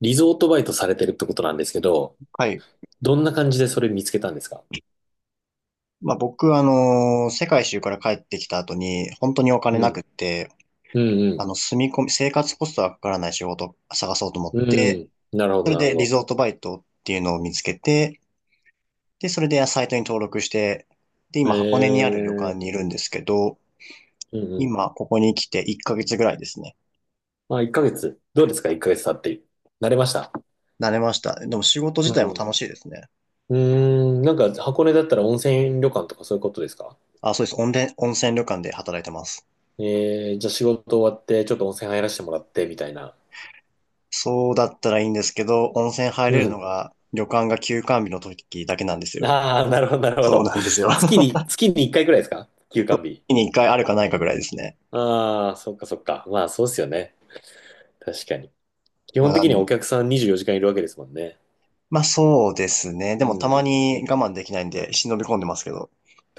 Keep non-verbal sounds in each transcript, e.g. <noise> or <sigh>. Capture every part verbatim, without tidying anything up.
リゾートバイトされてるってことなんですけど、はい。どんな感じでそれ見つけたんですか？まあ僕、あのー世界一周から帰ってきた後に、本当にお金うなくっん。て、うあんの、住み込み、生活コストがかからない仕事を探そうと思うっん。て、うん。なるほそど、れなるでほリど。ゾートバイトっていうのを見つけて、で、それでサイトに登録して、で、今箱根にあえる旅館え、にいるんですけど、うんうん。今ここに来ていっかげつぐらいですね。まあ、いっかげつ。どうですか？ いっ ヶ月経って。慣れました？慣れました。でも仕事自う体もん。楽しいですね。うーん。なんか、箱根だったら温泉旅館とかそういうことですか？あ、そうです。温泉、温泉旅館で働いてます。ええ、じゃあ仕事終わって、ちょっと温泉入らせてもらって、みたいな。そうだったらいいんですけど、温泉入うれるのん。が旅館が休館日の時だけなんですよ。ああ、なるほど、なるほそうど。なんですよ。月 <laughs> に、月にいっかいくらいですか？休館日。月に一回あるかないかぐらいですね。ああ、そっかそっか。まあ、そうっすよね。確かに。基まあ、本な的にはおん客さんにじゅうよじかんいるわけですもんね。まあそうですね。うでもたまん。にお 我慢できないんで忍び込んでますけど。<laughs>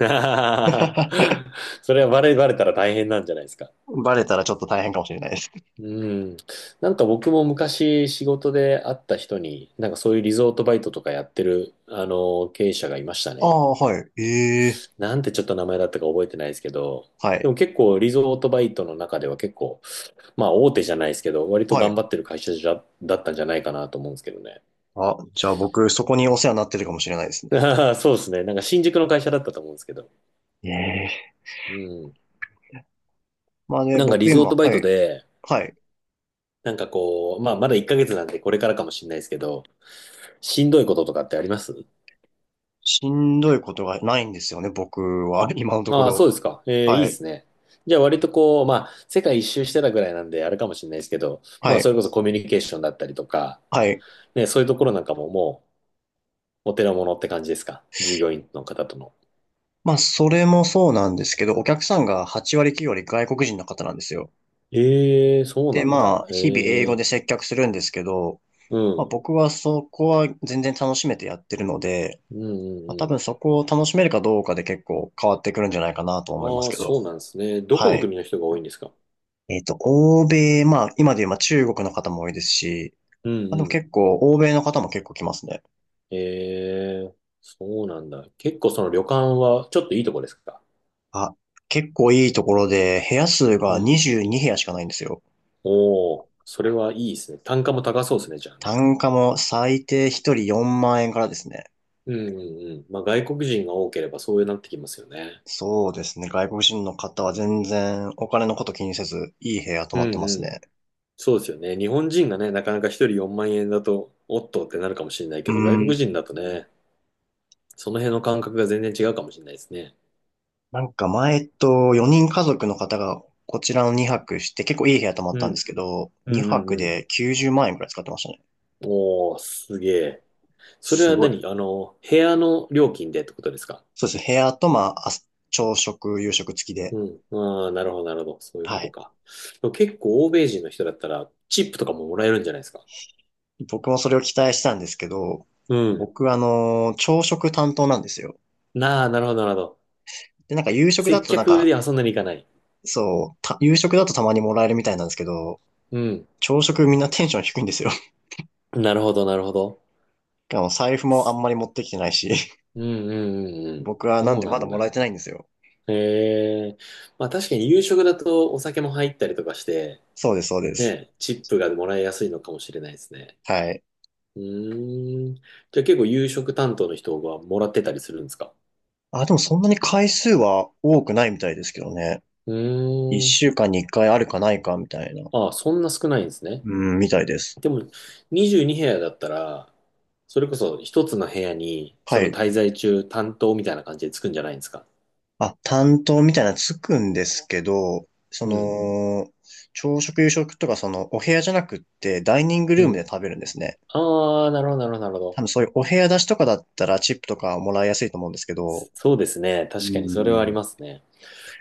<laughs> それはバレ、バレたら大変なんじゃないですか？バレたらちょっと大変かもしれないです。うん。なんか僕も昔仕事で会った人に、なんかそういうリゾートバイトとかやってる、あの、経営者がいましたあね。あ、はい。ええ、なんてちょっと名前だったか覚えてないですけど、はでい。も結構リゾートバイトの中では結構、まあ大手じゃないですけど、割とは頑い。張ってる会社じゃ、だったんじゃないかなと思うんですけどね。あ、じゃあ僕、そこにお世話になってるかもしれないですね。<laughs> そうですね。なんか新宿の会社だったと思うんですけど。ええ、うん。まあね、なんか僕リゾー今、トバイはトい。で、はい。なんかこう、まあまだいっかげつなんでこれからかもしれないですけど、しんどいこととかってあります？しんどいことがないんですよね、僕は。今のとこああ、そうろ。ですか。えーいはいでい。すね。じゃあ割とこう、まあ世界一周してたぐらいなんであれかもしれないですけど、はまあそい。れこそコミュニケーションだったりとか、はい。ね、そういうところなんかももうお手の物って感じですか？従業員の方との。まあ、それもそうなんですけど、お客さんがはち割きゅう割外国人の方なんですよ。ええ、そうで、なんだ。まあ、日々英語えでえ、接客するんですけど、うまあ、ん。僕はそこは全然楽しめてやってるので、うまあ、多んう分んそこを楽しめるかどうかで結構変わってくるんじゃないかなとう思いまん。すああ、けど。そうなんですね。どこはのい。国の人が多いんですか？えっと、欧米、まあ、今で言えば中国の方も多いですし、うんまあ、でもうん。結構、欧米の方も結構来ますね。ええ、そうなんだ。結構その旅館はちょっといいとこですか？あ、結構いいところで、部屋数がうん。にじゅうにへや部屋しかないんですよ。おお、それはいいですね。単価も高そうですね、じゃあね。単価も最低ひとりよんまん円からですね。うんうんうん。まあ外国人が多ければそうなってきますよね。そうですね。外国人の方は全然お金のこと気にせず、いい部屋泊うまってんまうすん。ね。そうですよね。日本人がね、なかなか一人よんまん円だと、おっとってなるかもしれないけうど、外国ー人だとん。ね、その辺の感覚が全然違うかもしれないですね。なんか前、えっと、よにん家族の方がこちらのにはくして、結構いい部屋泊まっうたんでん。すけど、うん2うん泊うん。できゅうじゅうまん円くらい使ってましたね。おー、すげえ。それすはごい。何、あの、部屋の料金でってことですか？そうです。部屋と、まあ、あ朝食、夕食付きで。うん。ああ、なるほど、なるほど。そういうこはとい。か。でも結構欧米人の人だったら、チップとかももらえるんじゃないですか。僕もそれを期待したんですけど、うん。僕、あの、朝食担当なんですよ。なあ、なるほど、なるほど。で、なんか夕食だ接となん客でか、遊んでに行かない。そう、た夕食だとたまにもらえるみたいなんですけど、うん。朝食みんなテンション低いんですよ。<laughs> なるほど、なるほど。あの財布もあんまり持ってきてないし、<laughs> うん、うん、うん、うん。僕はなんそうでなまだんもらだ。えてないんですよ。へえ。まあ確かに夕食だとお酒も入ったりとかして、そうです、そうです。ね、チップがもらいやすいのかもしれないですね。はい。うーん。じゃあ結構夕食担当の人がもらってたりするんですか？あ、でもそんなに回数は多くないみたいですけどね。う一ーん。週間に一回あるかないかみたいな、ああ、そんな少ないんですね。うん、みたいです。でも、にじゅうに部屋だったら、それこそ一つの部屋に、はそのい。滞在中担当みたいな感じでつくんじゃないんですか？あ、担当みたいなのつくんですけど、そうん。の、朝食夕食とかそのお部屋じゃなくってダイニングルうームでん。食べるんですね。ああ、なるほど、なるほど、なるほ多ど。分そういうお部屋出しとかだったらチップとかもらいやすいと思うんですけど。そうですね。う確かにそれはありん。ますね。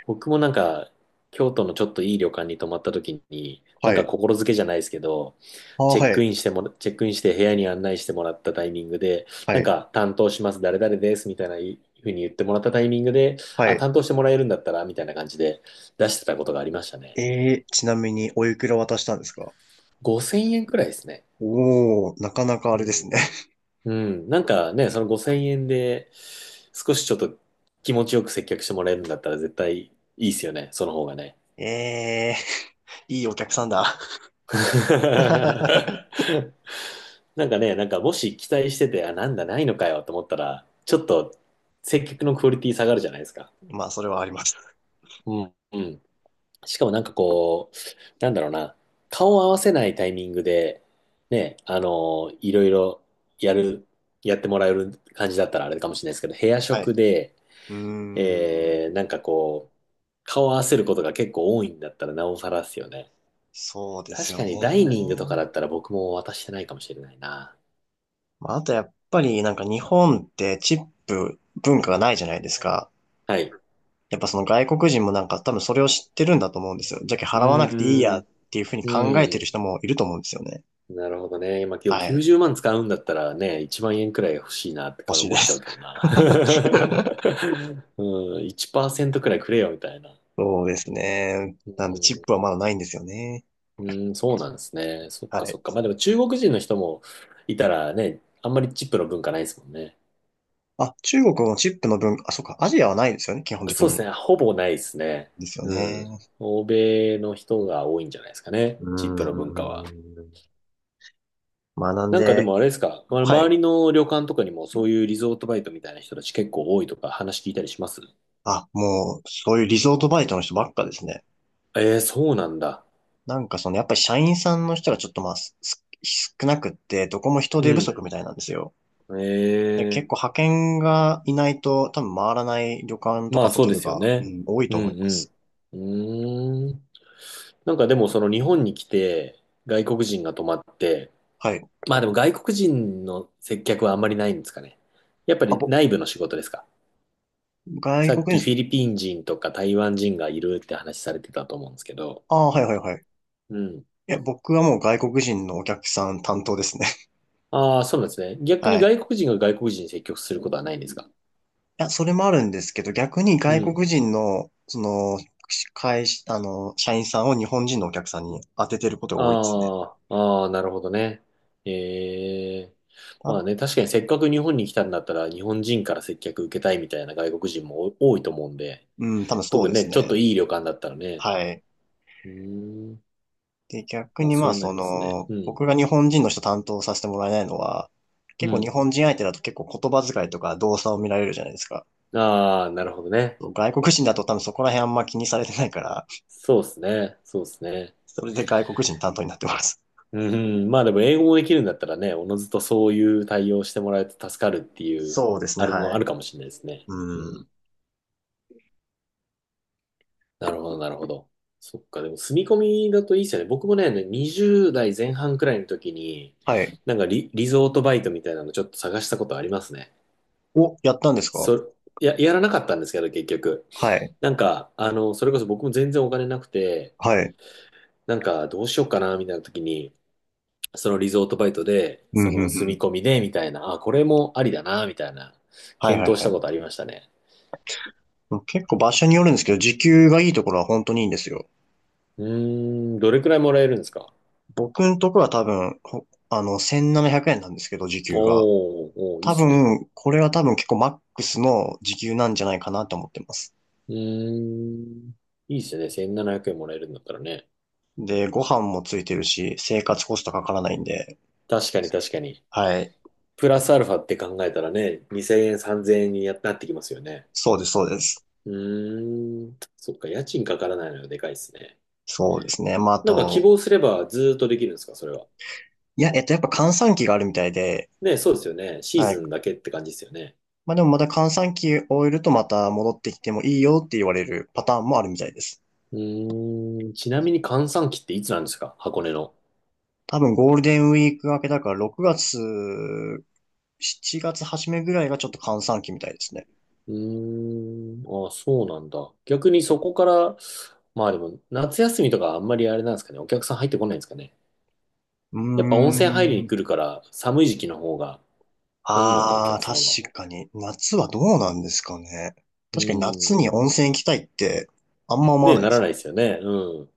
僕もなんか、京都のちょっといい旅館に泊まった時に、なんはかい。心づけじゃないですけど、あ、チェはックい。インしてもら、チェックインして部屋に案内してもらったタイミングで、はなんい。か担当します、誰々ですみたいない風に言ってもらったタイミングで、はあ、い。担当してもらえるんだったらみたいな感じで出してたことがありましたね。えー、ちなみにおいくら渡したんですか？ごせんえんくらいですね。おー、なかなかあうれですん。ね。うん。なんかね、そのごせんえんで少しちょっと気持ちよく接客してもらえるんだったら絶対いいですよね。その方がね。<laughs> えー、いいお客さんだ。<laughs> <laughs> なんかね、なんかもし期待してて、あ、なんだ、ないのかよと思ったら、ちょっと接客のクオリティ下がるじゃないですか。まあ、それはあります。うん。うん。しかもなんかこう、なんだろうな、顔を合わせないタイミングで、ね、あのいろいろやる、やってもらえる感じだったらあれかもしれないですけど、部屋は食い。で、うーえー、なん。んかこう、顔を合わせることが結構多いんだったらなおさらですよね。そうです確よかにダイニングとかね。だったら僕も渡してないかもしれないな。まあ、あとやっぱりなんか日本ってチップ文化がないじゃないですか。はい。やっぱその外国人もなんか多分それを知ってるんだと思うんですよ。じゃけうー払わなくていいやっん。ていうふうに考えてうるん。人もいると思うんですよね。なるほどね。まあ、今日はい。きゅうじゅうまん使うんだったらね、いちまん円くらい欲しいなってか欲しい思でっちゃす。うけどな。<laughs> <laughs> うん、いちパーセントくらいくれよみたいな。そうですね。うん、なんで、チップはまだないんですよね。うん、そうなんですね。そっはかそい。っか。まあでも中国人の人もいたらね、あんまりチップの文化ないですもんね。あ、中国のチップの分、あ、そっか、アジアはないですよね、基本的そうでに。すね。ほぼないですね。ですようん。ね。欧米の人が多いんじゃないですかうね。ーチップの文化は。ん。まあ、なんなんかでで、もあれですか、まは周い。りの旅館とかにもそういうリゾートバイトみたいな人たち結構多いとか話聞いたりします？あ、もう、そういうリゾートバイトの人ばっかですね。ええ、そうなんだ。なんかその、やっぱり社員さんの人がちょっとまあ、すす少なくって、どこも人う手不ん。足みたいなんですよ。えで結え、構派遣がいないと、多分回らない旅館とまかあホそうテでルすよが、うね。ん、多いうと思いまんす。うん。うーん。なんかでもその日本に来て外国人が泊まって、はい。まあでも外国人の接客はあんまりないんですかね。やっぱあ、りぼ、内部の仕事ですか。外さっ国きフィ人、リピン人とか台湾人がいるって話されてたと思うんですけど。ああ、はいはいはい。うん。いや、僕はもう外国人のお客さん担当ですね。<laughs> ああ、そうなんですね。逆にはい。外国人が外国人に接客することはないんですか？いや、それもあるんですけど、逆にう外ん。国人の、その、会社、あの、社員さんを日本人のお客さんに当ててることが多いですね。ああ、ああ、なるほどね。ええ。た、まあね、確かにせっかく日本に来たんだったら、日本人から接客受けたいみたいな外国人も多多いと思うんで、うん、多分そう特にですね、ちょっとね。いい旅館だったらね。はい。うーん。で、逆まあにまあ、そうなそりますね。の、うん。僕が日本人の人担当させてもらえないのは、う結構日ん。本人相手だと結構言葉遣いとか動作を見られるじゃないですか。ああ、なるほどね。外国人だと多分そこら辺あんま気にされてないから、そうですね。そうですね。それで外国人担当になってます。うん。まあでも英語もできるんだったらね、おのずとそういう対応してもらえて助かるっていう、そうですね、あるの、はあい。るかもしれないですね。ううん。ん。なるほど、なるほど。そっか、でも住み込みだといいっすよね。僕もね、にじゅう代前半くらいの時に、はい。なんかリ、リゾートバイトみたいなのちょっと探したことありますね。お、やったんですか？そ、や、やらなかったんですけど、結局。はい。なんか、あの、それこそ僕も全然お金なくて、はい。なんかどうしようかな、みたいな時に、そのリゾートバイトで、うん、そうん、うの住ん。み込みで、みたいな、あ、これもありだな、みたいな、はい、はい、検討しはたことあい。りましたね。もう結構場所によるんですけど、時給がいいところは本当にいいんですよ。うーん、どれくらいもらえるんですか？僕のところは多分、ほあの、せんななひゃくえんななひゃくえんなんですけど、時給が。おー、おー、いいっ多すね。分、これは多分結構マックスの時給なんじゃないかなと思ってます。うーん。いいっすよね。せんななひゃくえんもらえるんだったらね。で、ご飯もついてるし、生活コストかからないんで。確かに確かに。はい。プラスアルファって考えたらね、にせんえん、さんぜんえんにやなってきますよね。そうです、そうです。うーん。そっか、家賃かからないのがでかいっすね。そうですね。まあ、あなんか希と、望すればずーっとできるんですか、それは？いや、えっと、やっぱ閑散期があるみたいで、ね、そうですよね。シーはズい。ンだけって感じですよね。まあでもまた閑散期終えるとまた戻ってきてもいいよって言われるパターンもあるみたいです。うーん。ちなみに閑散期っていつなんですか、箱根の？多分ゴールデンウィーク明けだからろくがつ、しちがつ初めぐらいがちょっと閑散期みたいですね。うーん。あ、そうなんだ。逆にそこから、まあでも、夏休みとかあんまりあれなんですかね。お客さん入ってこないんですかね。うやっぱー温泉入りに来ん。るから寒い時期の方が多いのか、おああ、客さんは。確かに。夏はどうなんですかね。う確かに夏にーん。温泉行きたいってあんま思わね、ないなでらすなよ。いですよね。うん。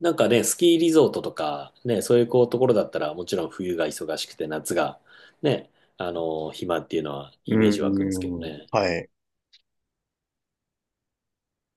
なんかね、スキーリゾートとか、ね、そういうこうところだったら、もちろん冬が忙しくて夏が、ね、あの、暇っていうのはうイメージ湧くんですけどーん。ね。はい。